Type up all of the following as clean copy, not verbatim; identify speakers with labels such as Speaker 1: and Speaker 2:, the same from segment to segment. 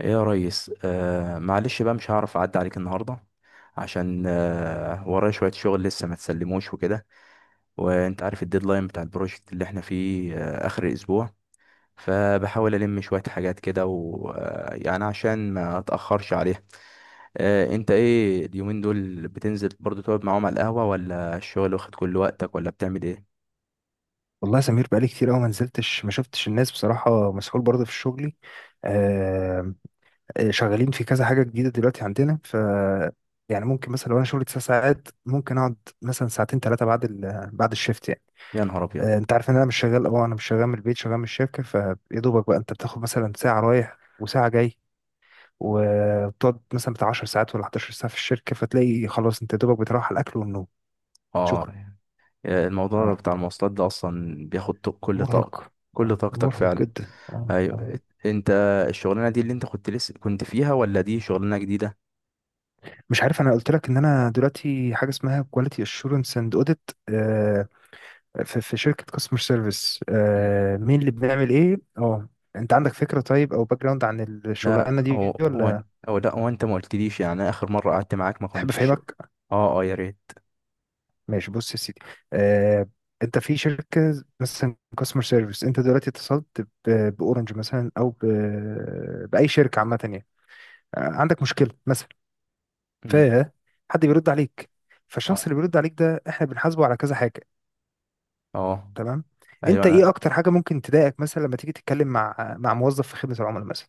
Speaker 1: ايه يا ريس، معلش بقى، مش هعرف اعدي عليك النهارده. عشان ورايا شويه شغل لسه ما تسلموش وكده. وانت عارف الديدلاين بتاع البروجكت اللي احنا فيه اخر الاسبوع. فبحاول الم شويه حاجات كده، ويعني عشان ما اتاخرش عليها. انت ايه اليومين دول؟ بتنزل برضو تقعد معاهم على القهوه، ولا الشغل واخد كل وقتك، ولا بتعمل ايه؟
Speaker 2: والله يا سمير، بقالي كتير قوي ما نزلتش، ما شفتش الناس بصراحة، مسحول برضه في شغلي. آه. شغالين في كذا حاجة جديدة دلوقتي عندنا. يعني ممكن مثلا لو انا شغلي 9 ساعات ممكن اقعد مثلا ساعتين ثلاثة بعد الشيفت يعني.
Speaker 1: يا نهار ابيض!
Speaker 2: انت عارف ان انا مش شغال، من البيت، شغال من الشركة، فيا دوبك بقى انت بتاخد مثلا ساعة رايح وساعة جاي، وتقعد مثلا بتاع 10 ساعات ولا 11 ساعة في الشركة، فتلاقي خلاص انت يا دوبك بتروح على الاكل والنوم.
Speaker 1: اه.
Speaker 2: شكرا.
Speaker 1: الموضوع
Speaker 2: اه.
Speaker 1: بتاع المواصلات ده اصلا بياخد كل طاقه،
Speaker 2: مرهق.
Speaker 1: كل طاقتك
Speaker 2: مرهق
Speaker 1: فعلا.
Speaker 2: جدا. اه.
Speaker 1: ايوه. انت الشغلانه دي اللي انت كنت لسه كنت فيها، ولا دي شغلانه جديده؟
Speaker 2: مش عارف، انا قلت لك ان انا دلوقتي حاجه اسمها كواليتي اشورنس اند اوديت في شركه كاستمر سيرفيس.
Speaker 1: مم.
Speaker 2: مين اللي بنعمل ايه؟ اه انت عندك فكره طيب او باك جراوند عن
Speaker 1: لا،
Speaker 2: الشغلانه
Speaker 1: هو
Speaker 2: دي
Speaker 1: هو
Speaker 2: ولا
Speaker 1: او لا، هو انت ما قلتليش، يعني أنا اخر مره قعدت معاك ما
Speaker 2: تحب
Speaker 1: كنتش.
Speaker 2: افهمك؟
Speaker 1: اه اه، يا ريت.
Speaker 2: ماشي، بص يا سيدي. آه، انت في شركه مثلا كاستمر سيرفيس، انت دلوقتي اتصلت باورنج مثلا، او باي شركه عامه يعني. آه، عندك مشكله مثلا،
Speaker 1: مم.
Speaker 2: فحد بيرد عليك. فالشخص
Speaker 1: اه
Speaker 2: اللي بيرد عليك ده احنا بنحاسبه على كذا حاجه.
Speaker 1: اه.
Speaker 2: تمام.
Speaker 1: ايوه،
Speaker 2: انت ايه
Speaker 1: انا.
Speaker 2: اكتر حاجه ممكن تضايقك مثلا لما تيجي تتكلم مع موظف في خدمه العملاء مثلا؟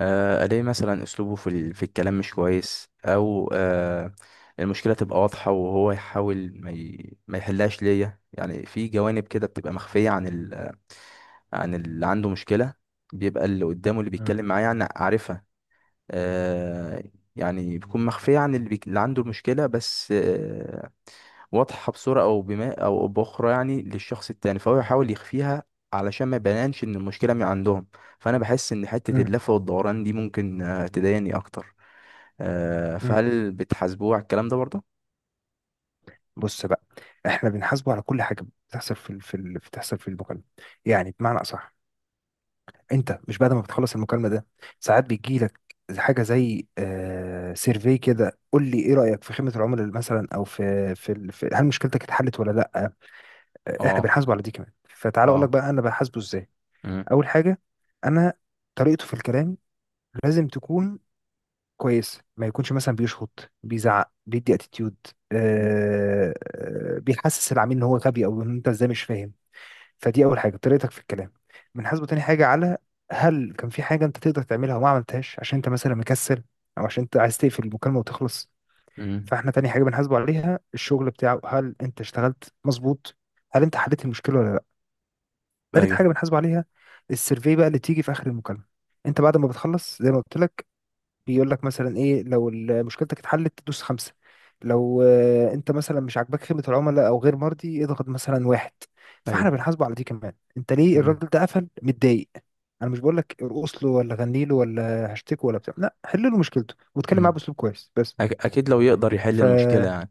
Speaker 1: الاقي مثلا اسلوبه في الكلام مش كويس، او آه المشكله تبقى واضحه، وهو يحاول ما يحلهاش ليا، يعني في جوانب كده بتبقى مخفيه عن اللي عنده مشكله. بيبقى اللي قدامه، اللي
Speaker 2: مم.
Speaker 1: بيتكلم معاه، يعني عارفها. آه، يعني بتكون مخفية عن اللي عنده المشكلة، بس واضحة بصورة أو بما أو بأخرى يعني للشخص التاني، فهو يحاول يخفيها علشان ما يبانش إن المشكلة من عندهم. فأنا بحس إن حتة
Speaker 2: مم.
Speaker 1: اللف والدوران دي ممكن تضايقني أكتر.
Speaker 2: مم.
Speaker 1: فهل بتحاسبوه على الكلام ده برضه؟
Speaker 2: بص بقى، احنا بنحاسبه على كل حاجه بتحصل بتحصل في المكالمه. يعني بمعنى اصح، انت مش بعد ما بتخلص المكالمه ده ساعات بيجي لك حاجه زي سيرفي كده، قول لي ايه رايك في خدمه العملاء مثلا، او في هل مشكلتك اتحلت ولا لا. آه، احنا
Speaker 1: اه
Speaker 2: بنحاسبه على دي كمان. فتعال اقول لك
Speaker 1: اه.
Speaker 2: بقى انا بحاسبه ازاي.
Speaker 1: مم.
Speaker 2: اول حاجه، انا طريقته في الكلام لازم تكون كويس، ما يكونش مثلا بيشخط، بيزعق، بيدي اتيتيود.
Speaker 1: مم.
Speaker 2: آه بيحسس العميل ان هو غبي، او ان انت ازاي مش فاهم. فدي اول حاجه، طريقتك في الكلام. بنحاسبه تاني حاجه على هل كان في حاجه انت تقدر تعملها وما عملتهاش، عشان انت مثلا مكسل، او عشان انت عايز تقفل المكالمه وتخلص.
Speaker 1: مم.
Speaker 2: فاحنا تاني حاجه بنحاسبه عليها الشغل بتاعه، هل انت اشتغلت مظبوط، هل انت حليت المشكله ولا لا. تالت
Speaker 1: ايوه
Speaker 2: حاجه بنحاسبه عليها السيرفي بقى اللي تيجي في اخر المكالمه. انت بعد ما بتخلص، زي ما قلت لك، بيقول لك مثلا ايه، لو مشكلتك اتحلت تدوس 5، لو آه، انت مثلا مش عاجباك خدمة العملاء او غير مرضي اضغط مثلا 1. فاحنا
Speaker 1: ايوه.
Speaker 2: بنحاسبه على دي كمان، انت ليه
Speaker 1: مم.
Speaker 2: الراجل ده قفل متضايق. انا مش بقول لك ارقص له ولا غني له ولا هشتكه ولا بتاع، لا، حل له مشكلته واتكلم معاه
Speaker 1: مم.
Speaker 2: باسلوب كويس بس.
Speaker 1: اكيد لو يقدر يحل
Speaker 2: ف
Speaker 1: المشكله يعني.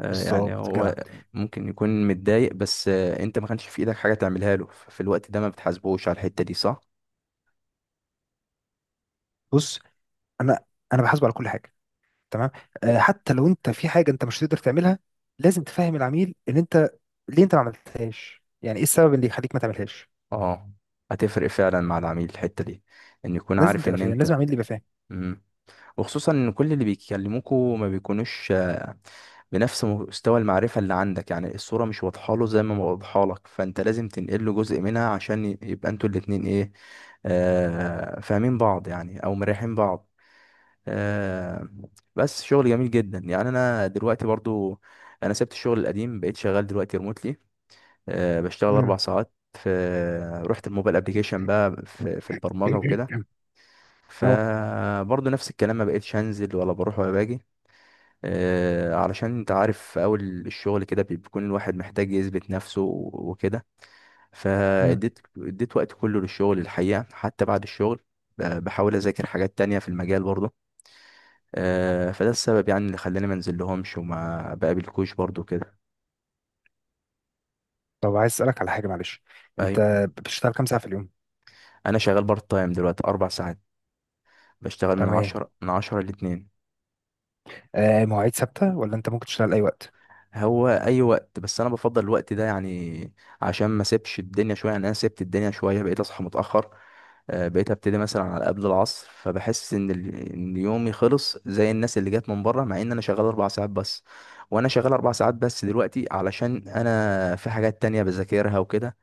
Speaker 1: يعني
Speaker 2: بالظبط
Speaker 1: هو
Speaker 2: جدع.
Speaker 1: ممكن يكون متضايق، بس انت ما كانش في ايدك حاجه تعملها له، ففي الوقت ده ما بتحاسبوش على الحته دي، صح؟
Speaker 2: بص، انا انا بحاسبه على كل حاجه. تمام؟ آه، حتى لو انت في حاجه انت مش هتقدر تعملها، لازم تفهم العميل ان انت ليه انت ما عملتهاش، يعني ايه السبب اللي يخليك ما تعملهاش.
Speaker 1: اه. هتفرق فعلا مع العميل الحته دي، ان يكون
Speaker 2: لازم
Speaker 1: عارف
Speaker 2: تبقى
Speaker 1: ان
Speaker 2: فاهم، لازم
Speaker 1: انت.
Speaker 2: عميل يبقى فاهم.
Speaker 1: مم. وخصوصا ان كل اللي بيكلموكوا ما بيكونوش بنفس مستوى المعرفه اللي عندك، يعني الصوره مش واضحه له زي ما واضحه لك، فانت لازم تنقل له جزء منها عشان يبقى انتوا الاتنين ايه، فاهمين بعض يعني، او مريحين بعض. آه، بس شغل جميل جدا يعني. انا دلوقتي برضو، انا سبت الشغل القديم، بقيت شغال دلوقتي ريموتلي. بشتغل اربع
Speaker 2: امم.
Speaker 1: ساعات في، رحت الموبايل ابليكيشن بقى في البرمجه وكده.
Speaker 2: اه.
Speaker 1: فبرضو نفس الكلام، ما بقيتش هنزل ولا بروح ولا باجي. علشان انت عارف في اول الشغل كده بيكون الواحد محتاج يثبت نفسه وكده.
Speaker 2: امم.
Speaker 1: فاديت وقت كله للشغل الحقيقه، حتى بعد الشغل. بحاول اذاكر حاجات تانية في المجال برضو. فده السبب يعني اللي خلاني ما انزل لهمش وما بقابلكوش برضو كده.
Speaker 2: طب عايز اسالك على حاجه معلش، انت
Speaker 1: ايوه،
Speaker 2: بتشتغل كام ساعه في اليوم؟
Speaker 1: انا شغال بارت تايم دلوقتي، 4 ساعات. بشتغل من
Speaker 2: تمام.
Speaker 1: عشرة من عشرة لاتنين.
Speaker 2: آه، مواعيد ثابته ولا انت ممكن تشتغل اي وقت؟
Speaker 1: هو اي وقت، بس انا بفضل الوقت ده يعني عشان ما سيبش الدنيا شويه، يعني انا سبت الدنيا شويه بقيت اصحى متاخر. بقيت ابتدي مثلا على قبل العصر، فبحس ان ان يومي خلص زي الناس اللي جت من بره، مع ان انا شغال 4 ساعات بس. وانا شغال 4 ساعات بس دلوقتي علشان انا في حاجات تانية بذاكرها وكده،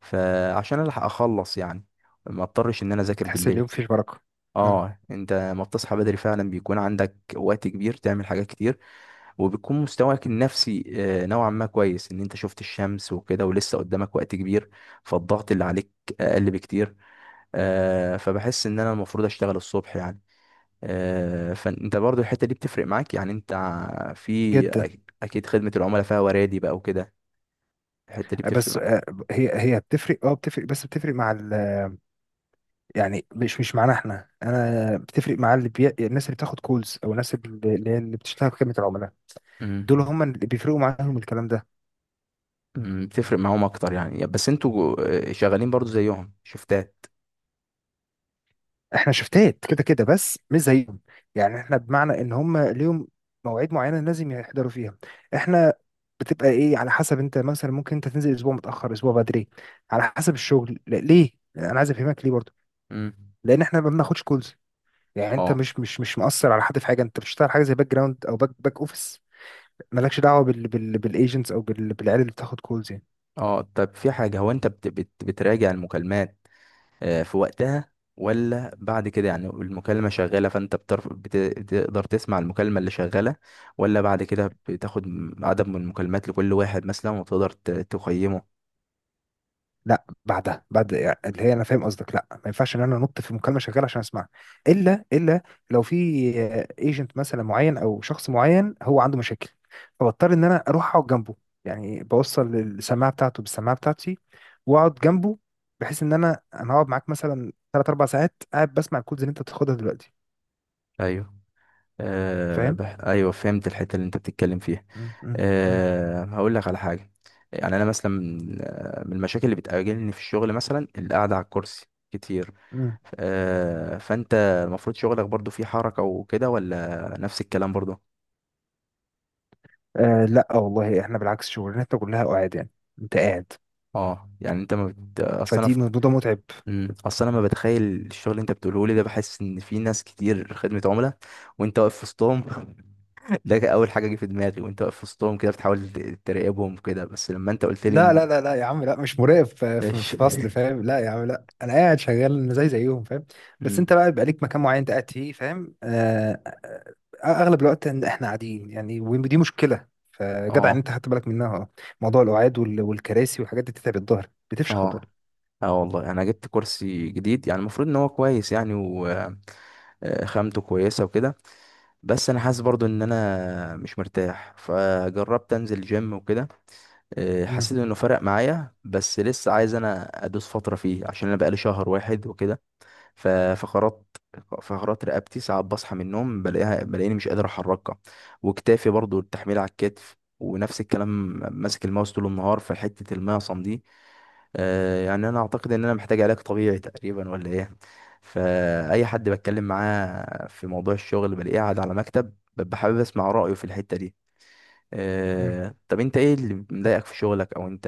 Speaker 1: فعشان الحق اخلص يعني ما اضطرش ان انا
Speaker 2: مم،
Speaker 1: اذاكر
Speaker 2: تحس
Speaker 1: بالليل.
Speaker 2: اليوم فيه بركه. امم.
Speaker 1: اه. انت ما بتصحى بدري فعلا بيكون عندك وقت كبير تعمل حاجات كتير، وبيكون مستواك النفسي نوعا ما كويس، ان انت شفت الشمس وكده ولسه قدامك وقت كبير، فالضغط اللي عليك اقل بكتير. فبحس ان انا المفروض اشتغل الصبح يعني. فانت برضو الحتة دي بتفرق معاك يعني، انت في
Speaker 2: جدا.
Speaker 1: اكيد خدمة العملاء فيها ورادي بقى وكده. الحتة دي
Speaker 2: آه،
Speaker 1: بتفرق
Speaker 2: بس آه،
Speaker 1: معاك.
Speaker 2: هي بتفرق، اه بتفرق، بس بتفرق مع ال يعني مش معانا احنا، انا بتفرق مع الناس اللي بتاخد كولز، او الناس اللي بتشتغل في خدمه العملاء. دول
Speaker 1: مم.
Speaker 2: هم اللي بيفرقوا معاهم الكلام ده.
Speaker 1: مم، تفرق معاهم اكتر يعني، بس انتوا شغالين برضو زيهم شفتات.
Speaker 2: احنا شفتات كده كده، بس مش زيهم. يعني احنا بمعنى ان هم ليهم مواعيد معينه لازم يحضروا فيها، احنا بتبقى ايه على حسب، انت مثلا ممكن انت تنزل اسبوع متاخر اسبوع بدري، على حسب الشغل. لا ليه، انا عايز افهمك ليه برضه،
Speaker 1: مم.
Speaker 2: لان احنا ما بناخدش كولز. يعني انت
Speaker 1: اه
Speaker 2: مش مؤثر على حد في حاجه، انت بتشتغل حاجه زي باك جراوند او باك اوفيس، مالكش دعوه بالايجنتس او بالعيال اللي بتاخد كولز.
Speaker 1: اه. طب في حاجة، هو انت بت بت بتراجع المكالمات في وقتها، ولا بعد كده يعني؟ المكالمة شغالة فانت بتقدر تسمع المكالمة اللي شغالة، ولا بعد كده بتاخد عدد من المكالمات لكل واحد مثلا، وتقدر تقيمه؟
Speaker 2: لا، بعدها يعني، اللي هي، انا فاهم قصدك، لا ما ينفعش ان انا انط في مكالمه شغاله عشان اسمعها. الا لو في ايجنت مثلا معين او شخص معين هو عنده مشاكل، فبضطر ان انا اروح اقعد جنبه، يعني بوصل السماعه بتاعته بالسماعه بتاعتي واقعد جنبه، بحيث ان انا هقعد معاك مثلا 3 4 ساعات قاعد بسمع الكودز اللي انت بتاخدها دلوقتي.
Speaker 1: ايوه.
Speaker 2: فاهم.
Speaker 1: ايوه فهمت الحته اللي انت بتتكلم فيها.
Speaker 2: مم.
Speaker 1: هقول لك على حاجه. يعني انا مثلا من المشاكل اللي بتقابلني في الشغل مثلا، القعده على الكرسي كتير.
Speaker 2: مم.
Speaker 1: فانت، المفروض شغلك برضو فيه حركه وكده، ولا نفس الكلام برضو؟
Speaker 2: آه لا والله، احنا بالعكس شغلانتنا كلها قعاد يعني، انت قاعد،
Speaker 1: اه. يعني انت ما بت...
Speaker 2: فدي موضوع متعب.
Speaker 1: مم، اصل انا ما بتخيل الشغل اللي انت بتقوله لي ده، بحس ان في ناس كتير خدمه عملاء وانت واقف في وسطهم. ده كان اول حاجه جه في دماغي، وانت واقف في وسطهم كده بتحاول تراقبهم كده، بس لما انت قلت لي
Speaker 2: لا لا
Speaker 1: ان...
Speaker 2: لا لا يا عم، لا مش مراقب، في في-
Speaker 1: ايش؟
Speaker 2: في فصل، فاهم؟ لا يا عم، لا انا قاعد شغال زيهم، فاهم؟ بس انت
Speaker 1: مم.
Speaker 2: بقى بيبقى ليك مكان معين انت قاعد فيه، فاهم؟ آه، اغلب الوقت إن احنا قاعدين يعني، ودي مشكله، فجدع ان
Speaker 1: اه
Speaker 2: انت خدت بالك منها. اه، موضوع القعاد والكراسي والحاجات دي بتتعب الظهر، بتفشخ الظهر.
Speaker 1: اه اه. والله انا جبت كرسي جديد، يعني المفروض ان هو كويس يعني، و خامته كويسه وكده. بس انا حاسس برضو ان انا مش مرتاح، فجربت انزل جيم وكده.
Speaker 2: مم.
Speaker 1: حسيت انه فرق معايا، بس لسه عايز انا ادوس فتره فيه عشان انا بقالي شهر واحد وكده. ف- فقرات فقرات رقبتي ساعات بصحى من النوم بلاقيني مش قادر احركها، وكتافي برضو التحميل على الكتف ونفس الكلام. ماسك الماوس طول النهار في حتة المعصم دي. يعني انا اعتقد ان انا محتاج علاج طبيعي تقريبا، ولا ايه؟ فاي حد بتكلم معاه في موضوع الشغل بلاقيه قاعد على مكتب، ببقى حابب اسمع رأيه في الحتة دي.
Speaker 2: مم.
Speaker 1: طب انت ايه اللي مضايقك في شغلك، او انت.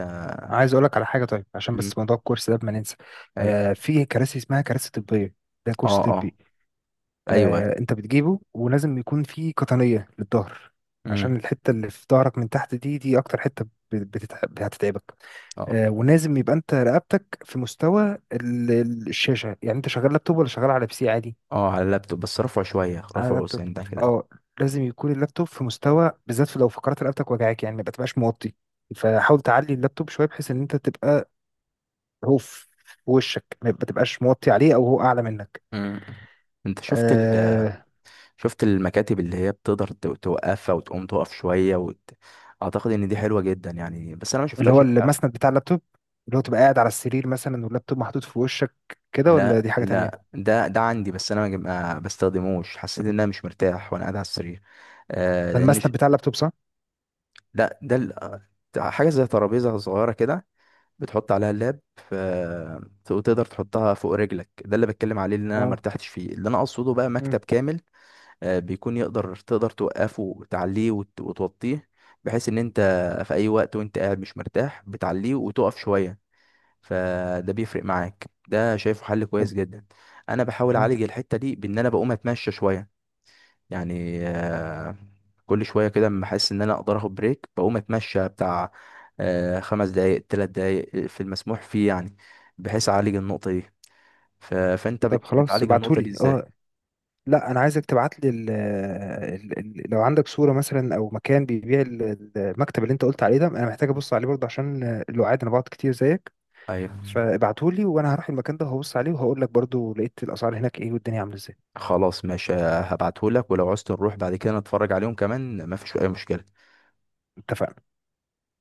Speaker 2: عايز اقول لك على حاجه، طيب عشان
Speaker 1: مم.
Speaker 2: بس موضوع الكورس ده ما ننسى.
Speaker 1: ايوه.
Speaker 2: آه، في كراسي اسمها كراسي طبيه، ده كورس
Speaker 1: اه اه.
Speaker 2: طبي.
Speaker 1: ايوه
Speaker 2: آه،
Speaker 1: ايوه.
Speaker 2: انت بتجيبه ولازم يكون في قطنية للظهر، عشان
Speaker 1: مم.
Speaker 2: الحتة اللي في ظهرك من تحت دي، دي اكتر حتة بتتعب، هتتعبك.
Speaker 1: اه
Speaker 2: آه، ولازم يبقى انت رقبتك في مستوى الشاشة، يعني انت شغال لابتوب ولا شغال على بي سي عادي؟
Speaker 1: اه. على اللابتوب بس، رفعه شوية
Speaker 2: على
Speaker 1: رفعه
Speaker 2: لابتوب.
Speaker 1: سنة كده.
Speaker 2: اه، لازم يكون اللابتوب في مستوى، بالذات في لو فقرات رقبتك وجعاك، يعني ما تبقاش موطي. فحاول تعلي اللابتوب شوية بحيث ان انت تبقى، هو في وشك، ما تبقاش موطي عليه او هو اعلى منك.
Speaker 1: مم. انت
Speaker 2: آه،
Speaker 1: شفت المكاتب اللي هي بتقدر توقفها وتقوم تقف شوية اعتقد ان دي حلوة جدا يعني، بس انا ما
Speaker 2: اللي
Speaker 1: شفتهاش
Speaker 2: هو
Speaker 1: الحقيقة.
Speaker 2: المسند بتاع اللابتوب، اللي هو تبقى قاعد على السرير مثلا واللابتوب محطوط في وشك كده، ولا
Speaker 1: لا
Speaker 2: دي حاجة
Speaker 1: لا،
Speaker 2: تانية؟
Speaker 1: ده عندي بس انا ما بستخدموش، حسيت ان انا مش مرتاح وانا قاعد على السرير. آه
Speaker 2: ده
Speaker 1: لان ش...
Speaker 2: المسند بتاع اللابتوب صح؟
Speaker 1: لا، حاجة زي ترابيزة صغيرة كده، بتحط عليها اللاب، آه، وتقدر تحطها فوق رجلك، ده اللي بتكلم عليه اللي انا ما
Speaker 2: اه.
Speaker 1: ارتحتش فيه. اللي انا اقصده بقى
Speaker 2: مم.
Speaker 1: مكتب كامل، بيكون تقدر توقفه وتعليه وتوطيه، بحيث ان انت في اي وقت وانت قاعد مش مرتاح بتعليه وتقف شوية، فده بيفرق معاك، ده شايفه حل
Speaker 2: طب،
Speaker 1: كويس جدا. انا بحاول
Speaker 2: اه
Speaker 1: اعالج الحتة دي بان انا بقوم اتمشى شوية، يعني كل شوية كده لما احس ان انا اقدر اخد بريك، بقوم اتمشى بتاع 5 دقايق 3 دقايق، في المسموح فيه يعني، بحيث اعالج النقطة دي. فانت
Speaker 2: طب خلاص
Speaker 1: بتعالج النقطة دي
Speaker 2: ابعتهولي،
Speaker 1: ازاي؟
Speaker 2: اه لا، انا عايزك تبعت لي لو عندك صورة مثلا او مكان بيبيع المكتب اللي انت قلت عليه ده، انا محتاج ابص عليه برضه، عشان اللي انا بقعد كتير زيك،
Speaker 1: ايوه
Speaker 2: فابعتهولي وانا هروح المكان ده وهبص عليه وهقول لك برضه لقيت الاسعار هناك ايه والدنيا عاملة ازاي.
Speaker 1: خلاص ماشي، هبعتهولك، ولو عوزت نروح بعد كده نتفرج عليهم كمان مفيش اي مشكلة.
Speaker 2: اتفقنا.